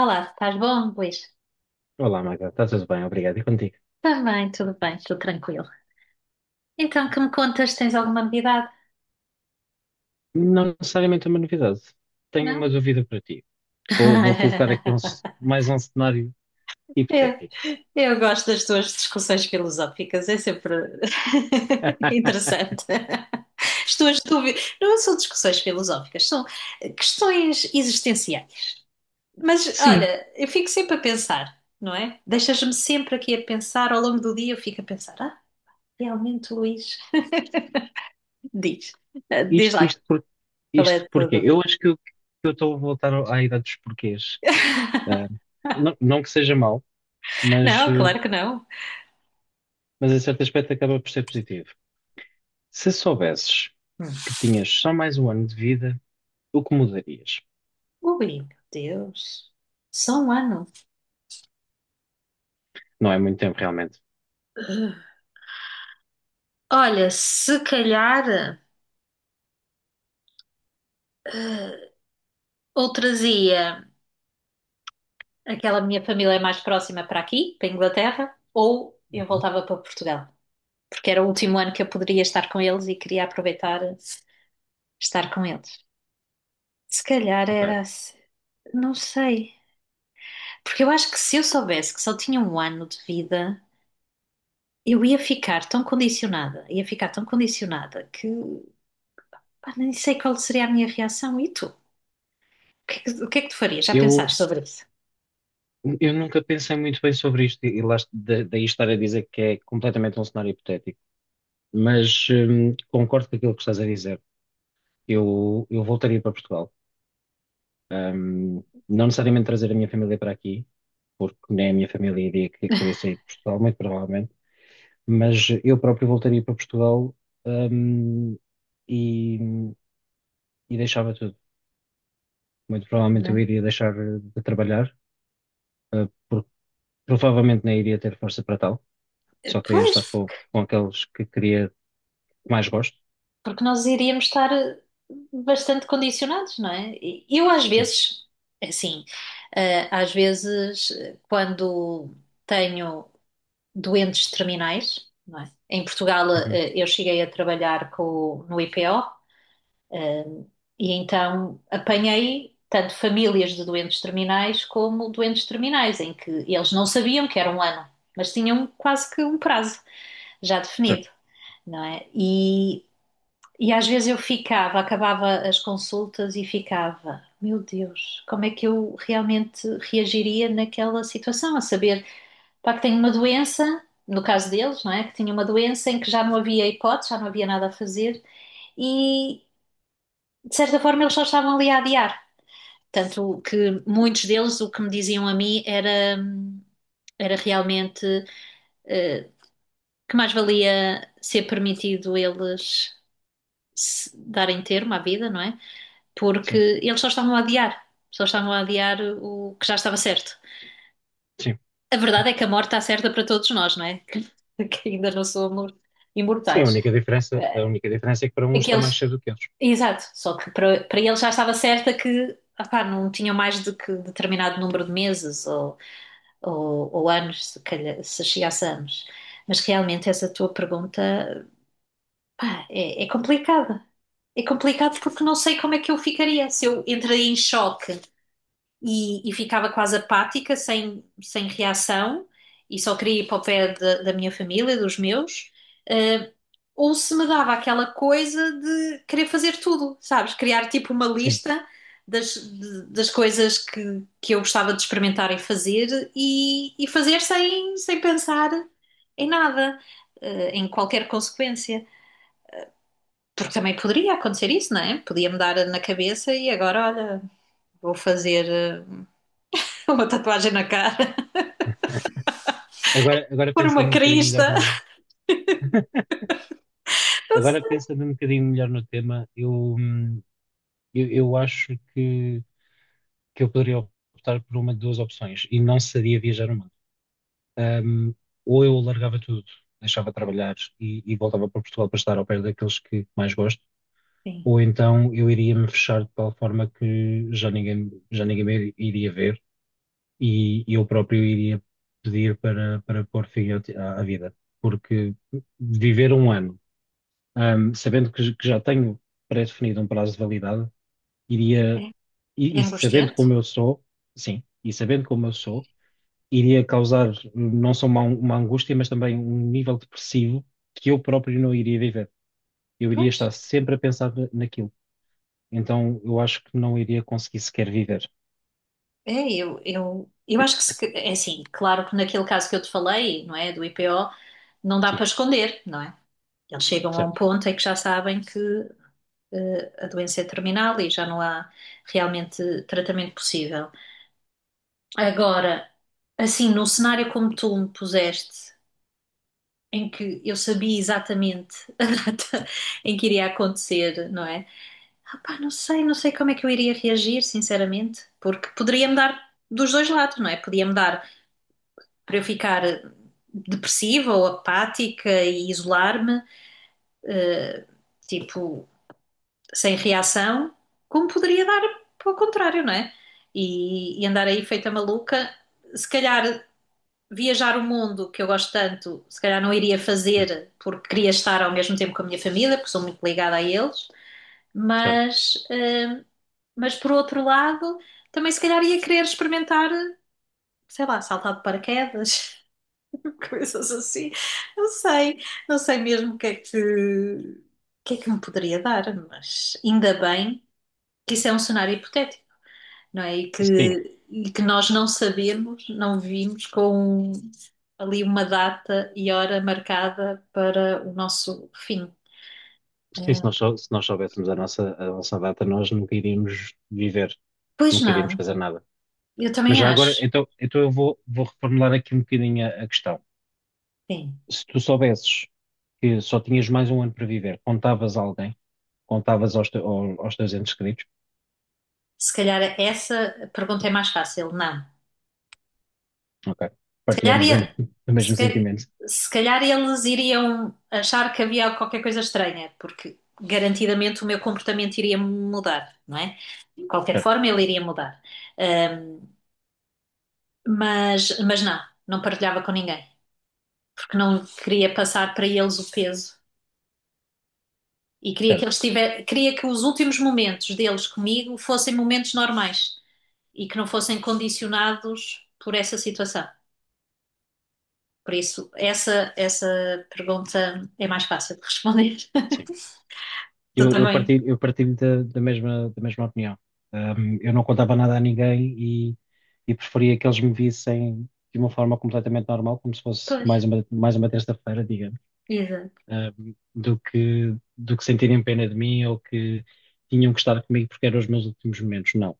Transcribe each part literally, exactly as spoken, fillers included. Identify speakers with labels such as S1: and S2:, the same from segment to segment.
S1: Olá, estás bom, Luís?
S2: Olá, Magda, está tudo bem? Obrigado. E contigo?
S1: Estás bem, tudo bem, tudo tranquilo. Então, que me contas, tens alguma novidade?
S2: Não necessariamente uma novidade. Tenho uma
S1: Não?
S2: dúvida para ti. Vou, vou colocar aqui um c- mais um cenário
S1: Eu,
S2: hipotético.
S1: eu gosto das tuas discussões filosóficas, é sempre interessante. As tuas dúvidas não são discussões filosóficas, são questões existenciais. Mas
S2: Sim,
S1: olha, eu fico sempre a pensar, não é? Deixas-me sempre aqui a pensar, ao longo do dia eu fico a pensar, ah, realmente, Luís, diz, Ah, diz
S2: isto,
S1: lá
S2: isto, por,
S1: qual é
S2: isto
S1: a tua
S2: porquê? Eu
S1: dúvida.
S2: acho que eu que eu estou a voltar ao- à idade dos porquês. Ah, não, não que seja mau, mas,
S1: Não,
S2: eh,
S1: claro que não.
S2: mas em certo aspecto acaba por ser positivo. Se soubesses
S1: Hum.
S2: que tinhas só mais um ano de vida, o que mudarias?
S1: Ui, meu Deus. Só um ano.
S2: Não é muito tempo, realmente.
S1: Olha, se calhar ou trazia aquela minha família mais próxima para aqui, para a Inglaterra, ou eu
S2: Uhum.
S1: voltava para Portugal, porque era o último ano que eu poderia estar com eles e queria aproveitar estar com eles. Se calhar
S2: Ok.
S1: era assim. Não sei. Porque eu acho que se eu soubesse que só tinha um ano de vida, eu ia ficar tão condicionada, ia ficar tão condicionada que pá, nem sei qual seria a minha reação. E tu? O que é que, o que é que tu farias? Já
S2: Eu,
S1: pensaste sobre isso?
S2: eu nunca pensei muito bem sobre isto e lá, da- daí estar a dizer que é completamente um cenário hipotético. Mas hum, concordo com aquilo que estás a dizer. Eu, eu voltaria para Portugal. Um, não necessariamente trazer a minha família para aqui, porque nem a minha família iria que- querer sair de Portugal, muito provavelmente, mas eu próprio voltaria para Portugal, um, e, e deixava tudo. Muito
S1: Não
S2: provavelmente eu
S1: é?
S2: iria deixar de trabalhar, uh, porque provavelmente nem iria ter força para tal, só queria
S1: Pois,
S2: estar com, com aqueles que queria que mais gosto.
S1: porque nós iríamos estar eh, bastante condicionados, não é? E eu às
S2: Sim.
S1: vezes, assim, eh, às vezes, eh, quando tenho doentes terminais, não é? Em Portugal,
S2: Uhum.
S1: eh, eu cheguei a trabalhar com, o- no I P O. E então apanhei tanto famílias de doentes terminais como doentes terminais, em que eles não sabiam que era um ano, mas tinham quase que um prazo já
S2: Certo.
S1: definido, não é? E, e às vezes eu ficava, acabava as consultas e ficava, meu Deus, como é que eu realmente reagiria naquela situação? A saber, pá, que tenho uma doença, no caso deles, não é? Que tinha uma doença em que já não havia hipótese, já não havia nada a fazer e, de certa forma, eles só estavam ali a adiar, tanto que muitos deles o que me diziam a mim era, era realmente eh, que mais valia ser permitido eles darem termo à vida, não é? Porque
S2: Sim.
S1: eles só estavam a adiar, só estavam a adiar o que já estava certo.
S2: Sim.
S1: A verdade é que a morte está certa para todos nós, não é? Que, que ainda não somos
S2: Sim, a
S1: imortais.
S2: única diferença, a única diferença é que para uns está mais
S1: Aqueles,
S2: cedo do que outros.
S1: exato, só que para, para eles já estava certa que opá, não tinham mais do que determinado número de meses ou ou, ou anos, se calhar, se chegasse a anos. Mas realmente essa tua pergunta, pá, é, é complicada. É complicado porque não sei como é que eu ficaria, se eu entrei em choque e, e ficava quase apática, sem, sem reação, e só queria ir para o pé da, da minha família, dos meus, ou se me dava aquela coisa de querer fazer tudo, sabes? Criar tipo uma
S2: Sim.
S1: lista das, de- das coisas que, que eu gostava de experimentar e fazer e, e fazer sem, sem pensar em nada, eh, em qualquer consequência. Porque também poderia acontecer isso, não é? Podia-me dar na cabeça e agora, olha, vou fazer eh, uma tatuagem na cara,
S2: Agora, agora
S1: pôr uma
S2: pensando um bocadinho melhor
S1: crista.
S2: no, Agora, pensando um bocadinho melhor no tema, eu, hum, eu, eu acho que, que eu poderia optar por uma de duas opções e não seria viajar o mundo. Hum, ou eu largava tudo, deixava de trabalhar e, e voltava para Portugal para estar ao pé daqueles que mais gosto,
S1: Sim,
S2: ou então eu iria me fechar de tal forma que já ninguém, já ninguém me iria ver e eu próprio iria pedir para, para pôr fim à, à vida. Porque viver um ano, ahm, sabendo que, que já tenho pré-definido um prazo de validade, iria,
S1: é, é
S2: e, e sabendo
S1: angustiante.
S2: como eu sou, sim, e sabendo como eu sou, iria causar não só uma, uma angústia, mas também um nível depressivo que eu próprio não iria viver. Eu iria
S1: Pois.
S2: estar sempre a pensar na- naquilo. Então, eu acho que não iria conseguir sequer viver.
S1: É, eu, eu, eu acho que, se que- é assim, claro que naquele caso que eu te falei, não é, do I P O, não dá
S2: Sim,
S1: para esconder, não é? Eles chegam a um
S2: certo.
S1: ponto em que já sabem que eh, a doença é terminal e já não há realmente tratamento possível. Agora, assim, num cenário como tu me puseste, em que eu sabia exatamente a data em que iria acontecer, não é? Ah, pá, não sei, não sei como é que eu iria reagir, sinceramente, porque poderia-me dar dos dois lados, não é? Podia-me dar para eu ficar depressiva ou apática e isolar-me, tipo, sem reação, como poderia dar ao contrário, não é? E, e andar aí feita maluca, se calhar viajar o mundo que eu gosto tanto, se calhar não iria
S2: Uhum,
S1: fazer porque queria estar ao mesmo tempo com a minha família, porque sou muito ligada a eles,
S2: certo.
S1: mas, eh, mas por outro lado, também se calhar ia querer experimentar, sei lá, saltar de paraquedas. Coisas assim. Não sei, não sei mesmo o que é que, o que é que me poderia dar, mas ainda bem que isso é um cenário hipotético, não é? E
S2: Sim,
S1: que, e que nós não sabemos, não vimos com ali uma data e hora marcada para o nosso fim.
S2: sim, se nós, sou- se nós soubéssemos a nossa, a nossa data, nós nunca iríamos viver,
S1: Pois
S2: nunca iríamos
S1: não,
S2: fazer nada.
S1: eu
S2: Mas
S1: também
S2: já agora,
S1: acho.
S2: então, então eu vou, vou reformular aqui um bocadinho a, a questão.
S1: Sim,
S2: Se tu soubesses que só tinhas mais um ano para viver, contavas a alguém, contavas aos, te- ao- aos teus entes queridos,
S1: se calhar essa pergunta é mais fácil. Não.
S2: ok,
S1: Se calhar,
S2: partilhamos da-
S1: ia-
S2: o
S1: se,
S2: mesmo sentimento,
S1: ca- se calhar eles iriam achar que havia qualquer coisa estranha, porque garantidamente o meu comportamento iria mudar, não é? De qualquer
S2: certo,
S1: forma, ele iria mudar. Ahm, mas, mas não, não partilhava com ninguém, porque não queria passar para eles o peso e queria que
S2: certo,
S1: eles tivessem, queria que os últimos momentos deles comigo fossem momentos normais e que não fossem condicionados por essa situação. Por isso, essa, essa pergunta é mais fácil de responder.
S2: sim.
S1: Tu
S2: Eu, eu
S1: também.
S2: partilho, eu partilho da, da mesma, da mesma opinião. Um, eu não contava nada a ninguém e, e preferia que eles me vissem de uma forma completamente normal, como se fosse
S1: Pois,
S2: mais uma, mais uma terça-feira,
S1: exato.
S2: um, do que, do que sentirem pena de mim ou que tinham que estar comigo porque eram os meus últimos momentos. Não.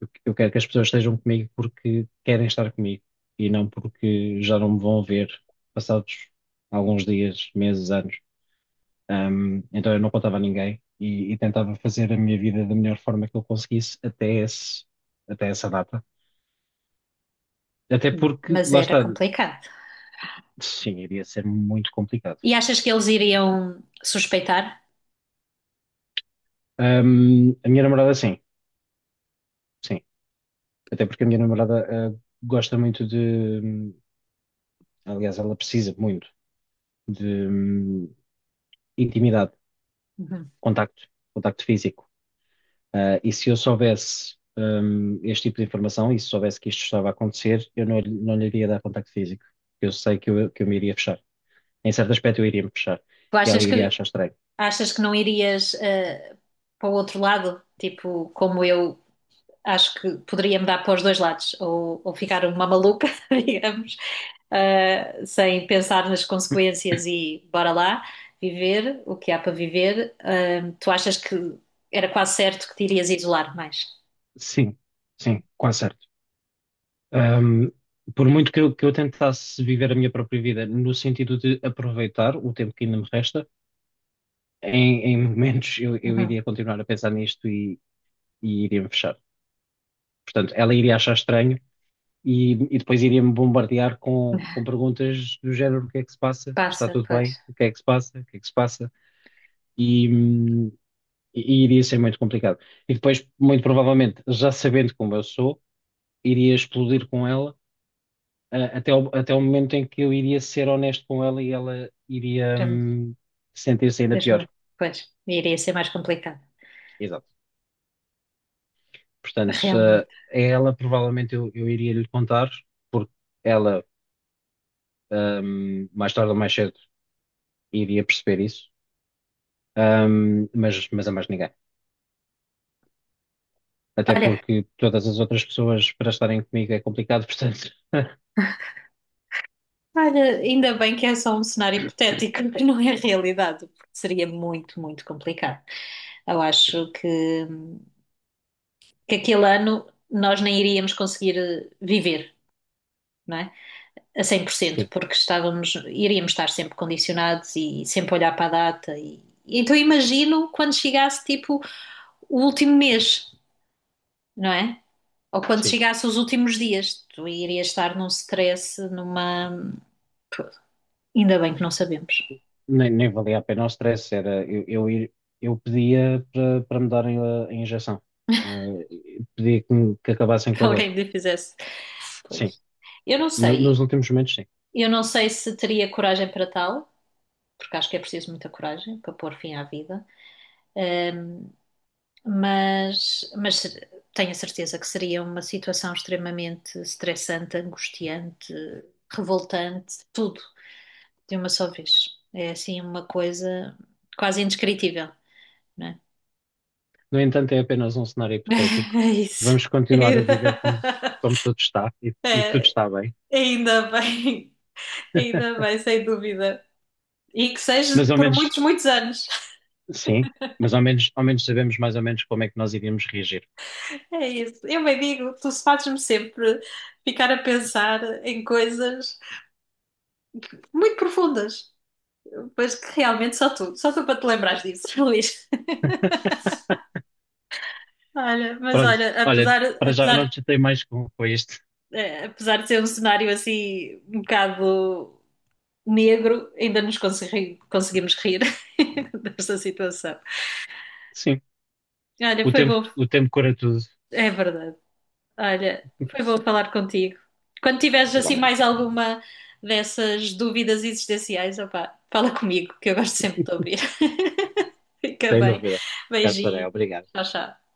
S2: Eu eu quero que as pessoas estejam comigo porque querem estar comigo e não porque já não me vão ver passados alguns dias, meses, anos. Um, então eu não contava a ninguém e, e tentava fazer a minha vida da melhor forma que eu conseguisse até esse, até essa data. Até
S1: Hum,
S2: porque,
S1: Mas
S2: lá
S1: era
S2: está,
S1: complicado.
S2: sim, iria ser muito complicado.
S1: E achas que eles iriam suspeitar?
S2: Um, a minha namorada, sim, sim. Até porque a minha namorada, ah, gosta muito de, aliás, ela precisa muito de, hum, intimidade,
S1: Uhum.
S2: contacto, contacto físico. Ah, e se eu soubesse, hum, este tipo de informação e se soubesse que isto estava a acontecer, eu não, lhe- não lhe iria dar contacto físico. Eu sei que eu, que eu me iria fechar. Em certo aspecto, eu iria me fechar.
S1: Tu
S2: E ela
S1: achas
S2: iria
S1: que,
S2: achar estranho.
S1: achas que não irias eh, para o outro lado? Tipo, como eu acho que poderia me dar para os dois lados, ou, ou ficar uma maluca, digamos, ah, sem pensar nas consequências e bora lá, viver o que há para viver. Ah, tu achas que era quase certo que te irias isolar mais?
S2: Sim, sim, quase certo. Hum, por muito que eu, que eu tentasse viver a minha própria vida no sentido de aproveitar o tempo que ainda me resta em, em momentos eu, eu
S1: Uhum.
S2: iria continuar a pensar nisto e, e iria-me fechar. Portanto, ela iria achar estranho e, e depois iria-me bombardear com, com perguntas do género: o que é que se passa? Está
S1: Passa,
S2: tudo
S1: pois.
S2: bem? O que é que se passa? O que é que se passa? E, hum, e iria ser muito complicado. E depois, muito provavelmente, já sabendo como eu sou, iria explodir com ela. ah, Até o, até o momento em que eu iria ser honesto com ela e ela iria,
S1: Era-
S2: hum, sentir-se ainda
S1: Deixa-me.
S2: pior.
S1: Pois, iria ser mais complicado,
S2: Exato. Portanto, se, eh,
S1: realmente.
S2: a ela provavelmente eu, eu iria lhe contar, porque ela, ahm, mais tarde ou mais cedo, iria perceber isso, ahm, mas, mas a mais ninguém. Até
S1: Olha,
S2: porque todas as outras pessoas para estarem comigo é complicado, portanto,
S1: olha, ainda bem que é só um cenário hipotético, que não é realidade, porque seria muito, muito complicado. Eu
S2: sim,
S1: acho que. que aquele ano nós nem iríamos conseguir eh, viver, não é? A cem por cento,
S2: sim,
S1: porque estávamos, iríamos estar sempre condicionados e sempre olhar para a data. E, então imagino quando chegasse tipo o último mês, não é? Ou quando
S2: sim.
S1: chegasse os últimos dias, tu irias estar num stress, numa... Pô, ainda bem que não sabemos.
S2: Nem, nem valia a pena o stress, era eu, eu, ir- eu pedia para para me darem a, a injeção, ah, pedia que, me- que acabassem com
S1: Que
S2: a dor.
S1: alguém me fizesse.
S2: Sim,
S1: Pois. Eu não
S2: No- nos
S1: sei.
S2: últimos momentos, sim.
S1: Eu não sei se teria coragem para tal, porque acho que é preciso muita coragem para pôr fim à vida. Ahm, mas, mas ser- tenho a certeza que seria uma situação extremamente estressante, angustiante, revoltante, tudo de uma só vez. É assim uma coisa quase indescritível, não é?
S2: No entanto, é apenas um cenário hipotético.
S1: É isso.
S2: Vamos continuar a viver como, como tudo está e, e tudo
S1: É,
S2: está bem.
S1: ainda bem, ainda bem, sem dúvida. E que
S2: Mas
S1: seja
S2: ao
S1: por
S2: menos,
S1: muitos, muitos anos.
S2: sim, mas ao menos, ao menos sabemos mais ou menos como é que nós iríamos reagir.
S1: É isso. Eu bem digo, tu fazes-me sempre ficar a pensar em coisas muito profundas. Pois que realmente só tu, só tu para te lembrares disso, Luís. Olha, mas
S2: Pronto,
S1: olha,
S2: olha,
S1: apesar,
S2: para já não
S1: apesar,
S2: te chatei mais com, com este.
S1: eh, apesar de ser um cenário assim um bocado negro, ainda nos consegui- conseguimos rir desta situação.
S2: Sim,
S1: Olha,
S2: o
S1: foi
S2: tempo,
S1: bom,
S2: o tempo cura tudo.
S1: é verdade. Olha, foi bom falar contigo. Quando tiveres assim
S2: Igualmente.
S1: mais alguma dessas dúvidas existenciais, opá, fala comigo, que eu gosto sempre de te ouvir. Fica
S2: Sem
S1: bem.
S2: dúvida. Cá estarei,
S1: Beijinho.
S2: obrigado.
S1: Tchau, tchau.